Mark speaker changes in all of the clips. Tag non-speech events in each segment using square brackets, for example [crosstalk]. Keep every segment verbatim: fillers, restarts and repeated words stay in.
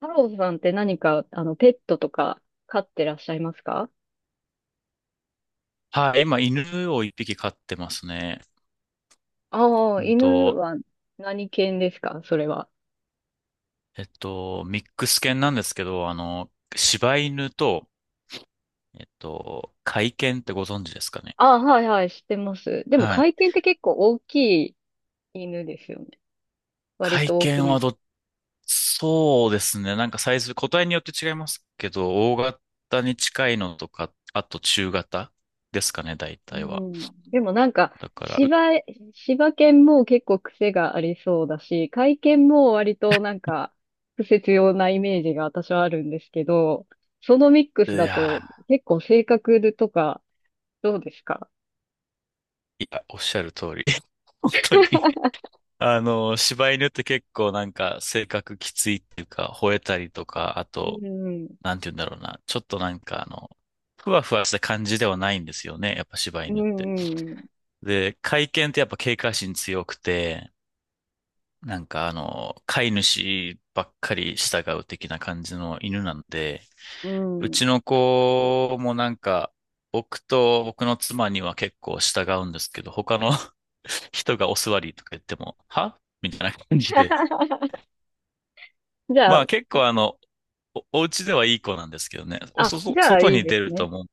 Speaker 1: 太郎さんって何か、あの、ペットとか飼ってらっしゃいますか？
Speaker 2: はい、今、犬を一匹飼ってますね。
Speaker 1: ああ、
Speaker 2: うん
Speaker 1: 犬
Speaker 2: と、
Speaker 1: は何犬ですかそれは。
Speaker 2: えっと、ミックス犬なんですけど、あの、柴犬と、えっと、甲斐犬ってご存知ですかね。
Speaker 1: ああ、はいはい、知ってます。でも、
Speaker 2: は
Speaker 1: 甲
Speaker 2: い。
Speaker 1: 斐犬って結構大きい犬ですよね。
Speaker 2: 甲
Speaker 1: 割
Speaker 2: 斐
Speaker 1: と大き
Speaker 2: 犬は、
Speaker 1: め。
Speaker 2: ど、そうですね。なんかサイズ、個体によって違いますけど、大型に近いのとか、あと中型ですかね、大
Speaker 1: う
Speaker 2: 体は。
Speaker 1: ん。でもなんか、
Speaker 2: だから、
Speaker 1: 柴、柴犬も結構癖がありそうだし、甲斐犬も割となんか、癖強なイメージが私はあるんですけど、そのミック
Speaker 2: う
Speaker 1: ス
Speaker 2: い
Speaker 1: だと
Speaker 2: や
Speaker 1: 結構性格とかどうですか？
Speaker 2: ー、いや、おっしゃる通り。[laughs] 本当にあの、柴犬って結構なんか性格きついっていうか、吠えたりとか、あと、
Speaker 1: うん。
Speaker 2: なんて言うんだろうな、ちょっとなんかあの、ふわふわした感じではないんですよね、やっぱ柴
Speaker 1: う
Speaker 2: 犬って。
Speaker 1: ん
Speaker 2: で、甲斐犬ってやっぱ警戒心強くて、なんかあの、飼い主ばっかり従う的な感じの犬なんで、
Speaker 1: う
Speaker 2: う
Speaker 1: ん、うん。
Speaker 2: ちの子もなんか、僕と僕の妻には結構従うんですけど、他の [laughs] 人がお座りとか言っても、はみたいな感じで、
Speaker 1: [laughs] じゃ
Speaker 2: まあ
Speaker 1: あ、
Speaker 2: 結構あの、お、お家ではいい子なんですけどね。お
Speaker 1: あ、
Speaker 2: そ、そ
Speaker 1: じゃあ
Speaker 2: 外
Speaker 1: いい
Speaker 2: に
Speaker 1: で
Speaker 2: 出
Speaker 1: す
Speaker 2: ると
Speaker 1: ね。
Speaker 2: もう、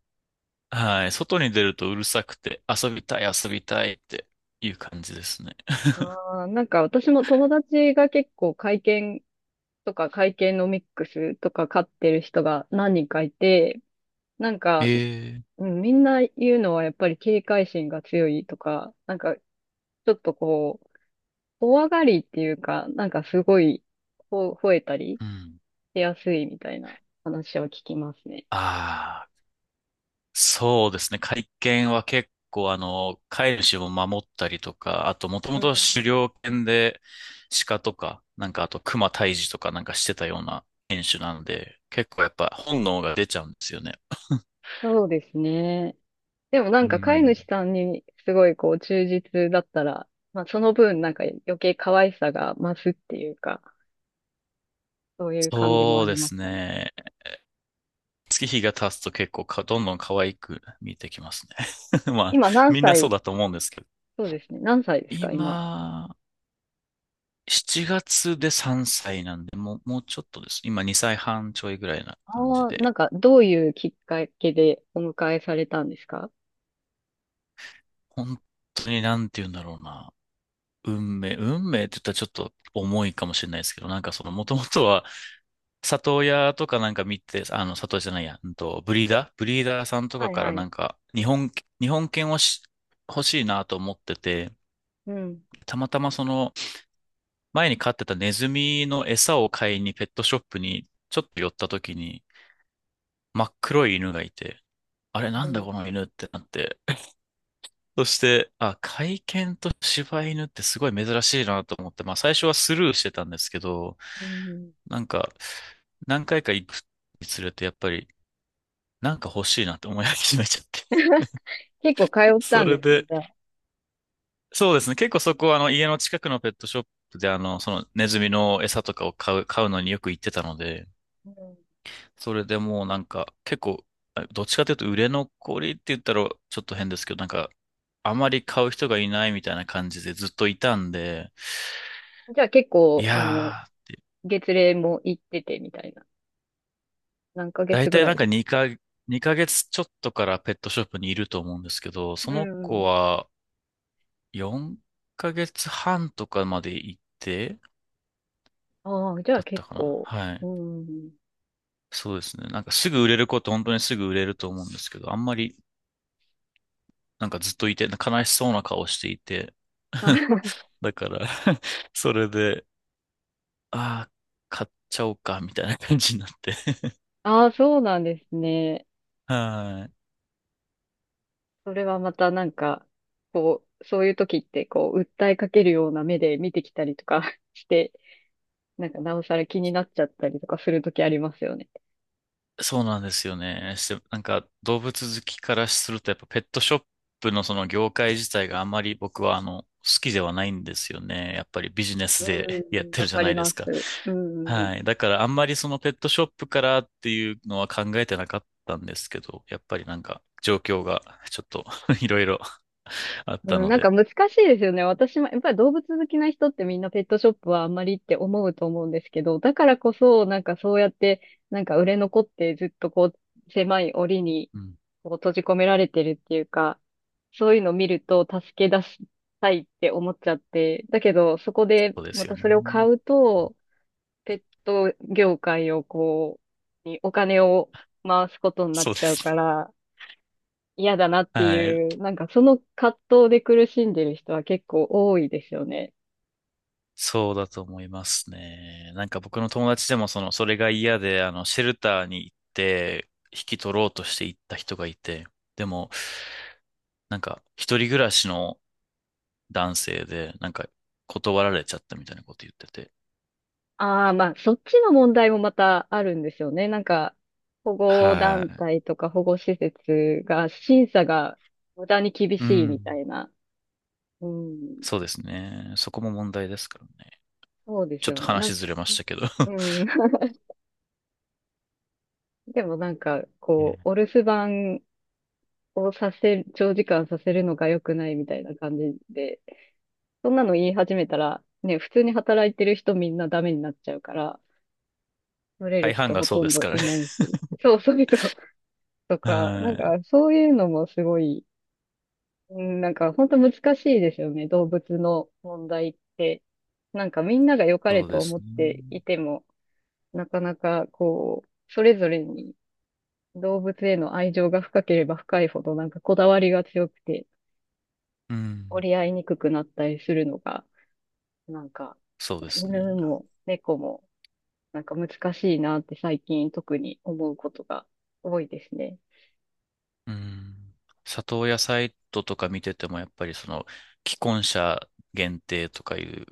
Speaker 2: はい、外に出るとうるさくて、遊びたい、遊びたいっていう感じですね。
Speaker 1: あー、なんか私も友達が結構会見とか会計のミックスとか買ってる人が何人かいて、なんか、
Speaker 2: ええ、
Speaker 1: うん、みんな言うのはやっぱり警戒心が強いとか、なんかちょっとこう、怖がりっていうか、なんかすごい、ほ、吠えたり
Speaker 2: うん。
Speaker 1: しやすいみたいな話を聞きますね。
Speaker 2: ああ、そうですね。会見は結構あの、飼い主を守ったりとか、あともと
Speaker 1: う
Speaker 2: も
Speaker 1: ん、
Speaker 2: と狩猟犬で鹿とか、なんかあと熊退治とかなんかしてたような犬種なので、結構やっぱ本能が出ちゃうんですよね。
Speaker 1: そうですね。でもな
Speaker 2: う
Speaker 1: んか飼い
Speaker 2: ん。
Speaker 1: 主さんにすごいこう忠実だったら、まあその分なんか余計可愛さが増すっていうか、そういう感じも
Speaker 2: そ
Speaker 1: あ
Speaker 2: う
Speaker 1: り
Speaker 2: で
Speaker 1: ま
Speaker 2: す
Speaker 1: すかね。
Speaker 2: ね。月日が経つと結構か、どんどん可愛く見えてきますね。[laughs] まあ、
Speaker 1: 今何
Speaker 2: みんなそう
Speaker 1: 歳、
Speaker 2: だと思うんですけど。
Speaker 1: そうですね、何歳ですか、今。
Speaker 2: 今、しちがつでさんさいなんで、もう、もうちょっとです。今にさいはんちょいぐらいな感じ
Speaker 1: ああ、な
Speaker 2: で。
Speaker 1: んかどういうきっかけでお迎えされたんですか？
Speaker 2: 本当になんて言うんだろうな。運命、運命って言ったらちょっと重いかもしれないですけど、なんかその、もともとは、里親とかなんか見て、あの、里親じゃないや、うんと、ブリーダーブリーダーさんとか
Speaker 1: はい
Speaker 2: から
Speaker 1: は
Speaker 2: な
Speaker 1: い。
Speaker 2: んか、日本、日本犬をし欲しいなと思ってて、
Speaker 1: うん。
Speaker 2: たまたまその、前に飼ってたネズミの餌を買いにペットショップにちょっと寄った時に真っ黒い犬がいて、あれな
Speaker 1: う
Speaker 2: んだ
Speaker 1: ん。
Speaker 2: この犬ってなって。そして、あ、甲斐犬と柴犬ってすごい珍しいなと思って、まあ最初はスルーしてたんですけど、
Speaker 1: うん、
Speaker 2: なんか何回か行くにつれてやっぱりなんか欲しいなって思い始めちゃって。
Speaker 1: 結構通
Speaker 2: [laughs]
Speaker 1: った
Speaker 2: そ
Speaker 1: ん
Speaker 2: れ
Speaker 1: ですね、
Speaker 2: で、
Speaker 1: じゃあ。
Speaker 2: そうですね。結構そこはあの家の近くのペットショップであの、そのネズミの餌とかを買う、買うのによく行ってたので、
Speaker 1: うん、
Speaker 2: それでもうなんか、結構、あどっちかというと売れ残りって言ったらちょっと変ですけど、なんか、あまり買う人がいないみたいな感じでずっといたんで、
Speaker 1: じゃあ結
Speaker 2: い
Speaker 1: 構、あの、
Speaker 2: やー、
Speaker 1: 月齢も行っててみたいな。何ヶ
Speaker 2: だい
Speaker 1: 月ぐ
Speaker 2: たい
Speaker 1: ら
Speaker 2: なんか
Speaker 1: い？
Speaker 2: 2か、二ヶ月ちょっとからペットショップにいると思うんですけど、そ
Speaker 1: う
Speaker 2: の子
Speaker 1: ん。
Speaker 2: はよんかげつはんとかまで行って、
Speaker 1: ああ、じゃあ
Speaker 2: だった
Speaker 1: 結
Speaker 2: かな、
Speaker 1: 構、
Speaker 2: は
Speaker 1: う
Speaker 2: い。
Speaker 1: ん。
Speaker 2: そうですね。なんかすぐ売れる子って本当にすぐ売れると思うんですけど、あんまりなんかずっといて、悲しそうな顔していて、[laughs]
Speaker 1: あ
Speaker 2: だから [laughs] それで、ああ、買っちゃおうか、みたいな感じになって。 [laughs]
Speaker 1: あ、あ、そうなんですね。
Speaker 2: はい。
Speaker 1: それはまたなんか、こう、そういう時って、こう、訴えかけるような目で見てきたりとか [laughs] して、なんか、なおさら気になっちゃったりとかする時ありますよね。
Speaker 2: そうなんですよね。して、なんか動物好きからすると、やっぱペットショップのその業界自体があまり僕はあの、好きではないんですよね。やっぱりビジネ
Speaker 1: う
Speaker 2: スで [laughs] やっ
Speaker 1: ん、
Speaker 2: てる
Speaker 1: わ
Speaker 2: じゃ
Speaker 1: か
Speaker 2: な
Speaker 1: り
Speaker 2: いで
Speaker 1: ま
Speaker 2: すか。
Speaker 1: す。うん、う
Speaker 2: は
Speaker 1: ん、
Speaker 2: い。だからあんまりそのペットショップからっていうのは考えてなかったんですけど、やっぱりなんか状況がちょっと [laughs] いろいろ [laughs] あっ
Speaker 1: う
Speaker 2: た
Speaker 1: ん、
Speaker 2: の
Speaker 1: なんか
Speaker 2: で、
Speaker 1: 難しいですよね。私も、やっぱり動物好きな人ってみんなペットショップはあんまりって思うと思うんですけど、だからこそ、なんかそうやって、なんか売れ残ってずっとこう、狭い檻に
Speaker 2: うん、
Speaker 1: こう閉じ込められてるっていうか、そういうのを見ると助け出したいって思っちゃって、だけどそこで
Speaker 2: そうで
Speaker 1: ま
Speaker 2: すよ
Speaker 1: た
Speaker 2: ね。
Speaker 1: それを買うと、ペット業界をこう、にお金を回すことになっ
Speaker 2: そうで
Speaker 1: ちゃうか
Speaker 2: す
Speaker 1: ら嫌だなっ
Speaker 2: ね。
Speaker 1: て
Speaker 2: は
Speaker 1: いう、
Speaker 2: い。
Speaker 1: なんかその葛藤で苦しんでる人は結構多いですよね。
Speaker 2: そうだと思いますね。なんか僕の友達でもその、それが嫌で、あの、シェルターに行って、引き取ろうとして行った人がいて、でも、なんか、一人暮らしの男性で、なんか、断られちゃったみたいなこと言ってて。
Speaker 1: ああ、まあそっちの問題もまたあるんですよね。なんか保護団
Speaker 2: は
Speaker 1: 体とか保護施設が審査が無駄に厳
Speaker 2: い。う
Speaker 1: しいみ
Speaker 2: ん。
Speaker 1: たいな。うん、
Speaker 2: そうですね。そこも問題ですからね。
Speaker 1: そうです
Speaker 2: ちょっ
Speaker 1: よ
Speaker 2: と
Speaker 1: ね。なん、
Speaker 2: 話ずれま
Speaker 1: [laughs]
Speaker 2: したけど。
Speaker 1: うん。[laughs] でもなんか、
Speaker 2: [laughs]
Speaker 1: こ
Speaker 2: ね。
Speaker 1: う、お留守番をさせ、長時間させるのが良くないみたいな感じで、そんなの言い始めたら、ね、普通に働いてる人みんなダメになっちゃうから、取れる
Speaker 2: 大半
Speaker 1: 人
Speaker 2: が
Speaker 1: ほ
Speaker 2: そう
Speaker 1: と
Speaker 2: で
Speaker 1: ん
Speaker 2: す
Speaker 1: ど
Speaker 2: から
Speaker 1: い
Speaker 2: ね。
Speaker 1: ないし。そうそうそう。とか、な
Speaker 2: は
Speaker 1: ん
Speaker 2: い。
Speaker 1: か、そういうのもすごい、うん、なんか、本当難しいですよね、動物の問題って。なんか、みんなが良かれ
Speaker 2: そうで
Speaker 1: と
Speaker 2: す
Speaker 1: 思ってい
Speaker 2: ね。
Speaker 1: ても、なかなか、こう、それぞれに動物への愛情が深ければ深いほど、なんかこだわりが強くて、
Speaker 2: うん。
Speaker 1: 折り合いにくくなったりするのが、なんか、
Speaker 2: そうですね。
Speaker 1: 犬も猫も、なんか難しいなって最近特に思うことが多いですね。
Speaker 2: うん。里親サイトとか見てても、やっぱりその、既婚者限定とかいう、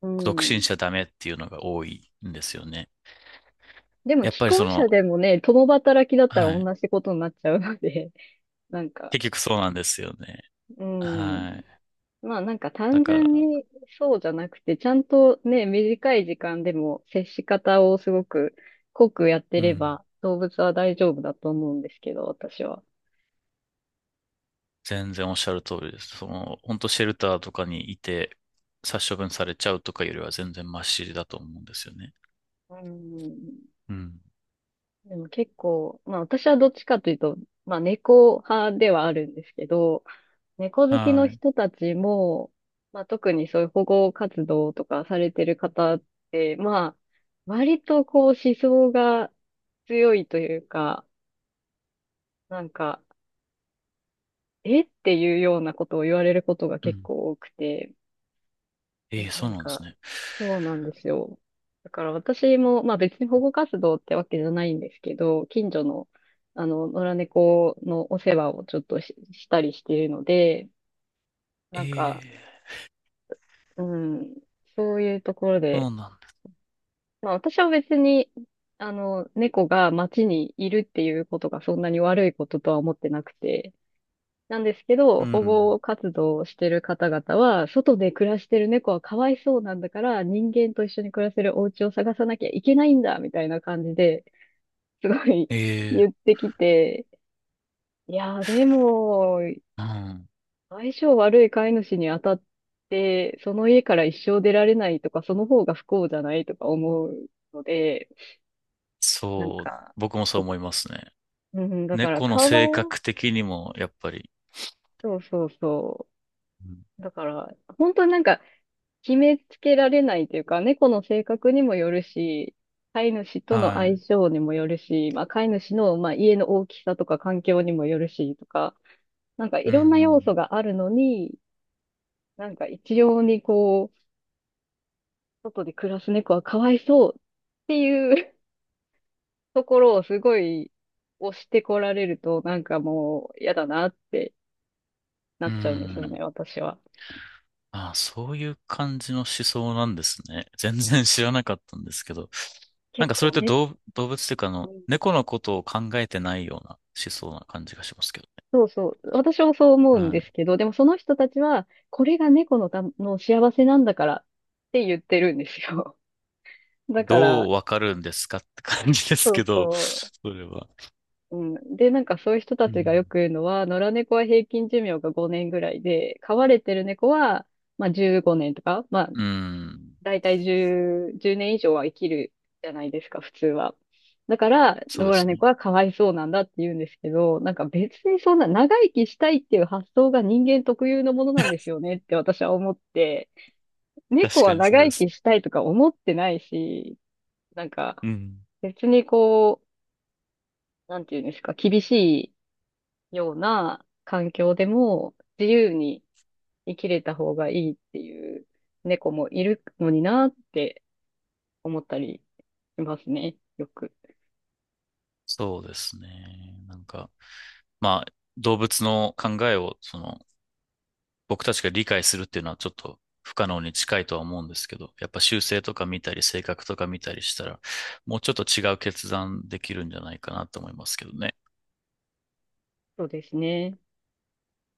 Speaker 1: う
Speaker 2: 独
Speaker 1: ん。
Speaker 2: 身者ダメっていうのが多いんですよね。
Speaker 1: でも
Speaker 2: やっ
Speaker 1: 既
Speaker 2: ぱりそ
Speaker 1: 婚
Speaker 2: の、
Speaker 1: 者でもね、共働きだったら
Speaker 2: はい。
Speaker 1: 同じことになっちゃうので、[laughs] なんか、
Speaker 2: 結局そうなんですよね。
Speaker 1: うん。
Speaker 2: はい。
Speaker 1: まあなんか
Speaker 2: だ
Speaker 1: 単
Speaker 2: か
Speaker 1: 純
Speaker 2: ら、
Speaker 1: にそうじゃなくて、ちゃんとね、短い時間でも接し方をすごく濃くやって
Speaker 2: う
Speaker 1: れ
Speaker 2: ん。
Speaker 1: ば動物は大丈夫だと思うんですけど、私は。
Speaker 2: 全然おっしゃる通りです。その、本当シェルターとかにいて、殺処分されちゃうとかよりは全然マシだと思うんですよね。
Speaker 1: うん。
Speaker 2: うん。
Speaker 1: でも結構、まあ私はどっちかというと、まあ猫派ではあるんですけど、猫好きの
Speaker 2: はい。
Speaker 1: 人たちも、まあ特にそういう保護活動とかされてる方って、まあ割とこう思想が強いというか、なんか、えっていうようなことを言われることが
Speaker 2: う
Speaker 1: 結
Speaker 2: ん。
Speaker 1: 構多くて、
Speaker 2: ええ、そ
Speaker 1: な
Speaker 2: う
Speaker 1: ん
Speaker 2: なんで
Speaker 1: か、
Speaker 2: すね。
Speaker 1: そうなんですよ。だから私も、まあ別に保護活動ってわけじゃないんですけど、近所の、あの、野良猫のお世話をちょっとし、したりしているので、
Speaker 2: え
Speaker 1: なんか、
Speaker 2: え、
Speaker 1: うん、そういうところ
Speaker 2: そ
Speaker 1: で、
Speaker 2: うなんだ。
Speaker 1: まあ私は別に、あの、猫が街にいるっていうことがそんなに悪いこととは思ってなくて、なんですけ
Speaker 2: う
Speaker 1: ど、保
Speaker 2: ん。
Speaker 1: 護活動をしてる方々は、外で暮らしてる猫はかわいそうなんだから、人間と一緒に暮らせるお家を探さなきゃいけないんだ、みたいな感じで、すごい
Speaker 2: え
Speaker 1: [laughs]
Speaker 2: え、
Speaker 1: 言ってきて、いやー、でも、
Speaker 2: うん。
Speaker 1: 相性悪い飼い主に当たって、その家から一生出られないとか、その方が不幸じゃないとか思うので、なん
Speaker 2: そう、
Speaker 1: か、
Speaker 2: 僕もそ
Speaker 1: そ
Speaker 2: う
Speaker 1: う
Speaker 2: 思
Speaker 1: か、
Speaker 2: いますね。
Speaker 1: うん、だから、
Speaker 2: 猫の
Speaker 1: かわ
Speaker 2: 性
Speaker 1: い、
Speaker 2: 格的にも、やっぱり。
Speaker 1: そうそうそ
Speaker 2: うん、
Speaker 1: う。だから、本当になんか、決めつけられないというか、猫の性格にもよるし、飼い主との
Speaker 2: は
Speaker 1: 相
Speaker 2: い。
Speaker 1: 性にもよるし、まあ、飼い主の、まあ、家の大きさとか環境にもよるしとか、なんかい
Speaker 2: う
Speaker 1: ろんな要
Speaker 2: ん、
Speaker 1: 素があるのに、なんか一様にこう、外で暮らす猫はかわいそうっていう [laughs] ところをすごい押してこられると、なんかもう嫌だなってな
Speaker 2: う
Speaker 1: っ
Speaker 2: ん。う
Speaker 1: ちゃうんですよね、
Speaker 2: ん。
Speaker 1: 私は。
Speaker 2: ああ、そういう感じの思想なんですね。[laughs] 全然知らなかったんですけど。なん
Speaker 1: 結
Speaker 2: かそれっ
Speaker 1: 構
Speaker 2: て
Speaker 1: ね。
Speaker 2: 動、動物っていうか、あの、猫のことを考えてないような思想な感じがしますけど
Speaker 1: そうそう。私もそう思
Speaker 2: ね。
Speaker 1: うん
Speaker 2: は
Speaker 1: で
Speaker 2: い。
Speaker 1: すけど、でもその人たちは、これが猫のた、の幸せなんだからって言ってるんですよ。[laughs] だか
Speaker 2: ど
Speaker 1: ら、
Speaker 2: うわかるんですかって感じです
Speaker 1: そ
Speaker 2: け
Speaker 1: う
Speaker 2: ど、
Speaker 1: そ
Speaker 2: それは。
Speaker 1: う。うん。で、なんかそういう人た
Speaker 2: う
Speaker 1: ちが
Speaker 2: ん。
Speaker 1: よく言うのは、野良猫は平均寿命がごねんぐらいで、飼われてる猫は、まあじゅうごねんとか、まあ
Speaker 2: うん。
Speaker 1: だいたいじゅう、年以上は生きるじゃないですか、普通は。だから、
Speaker 2: そうで
Speaker 1: 野良
Speaker 2: す
Speaker 1: 猫
Speaker 2: ね。
Speaker 1: はかわいそうなんだって言うんですけど、なんか別にそんな長生きしたいっていう発想が人間特有のものなんですよねって私は思って、猫
Speaker 2: 確
Speaker 1: は
Speaker 2: かにそ
Speaker 1: 長
Speaker 2: うで
Speaker 1: 生
Speaker 2: す。
Speaker 1: きしたいとか思ってないし、なん
Speaker 2: う
Speaker 1: か
Speaker 2: ん。
Speaker 1: 別にこう、なんていうんですか、厳しいような環境でも自由に生きれた方がいいっていう猫もいるのになって思ったりしますね。よく。
Speaker 2: そうですね。なんか。まあ、動物の考えを、その、僕たちが理解するっていうのはちょっと不可能に近いとは思うんですけど、やっぱ習性とか見たり、性格とか見たりしたら、もうちょっと違う決断できるんじゃないかなと思いますけどね。
Speaker 1: そうですね。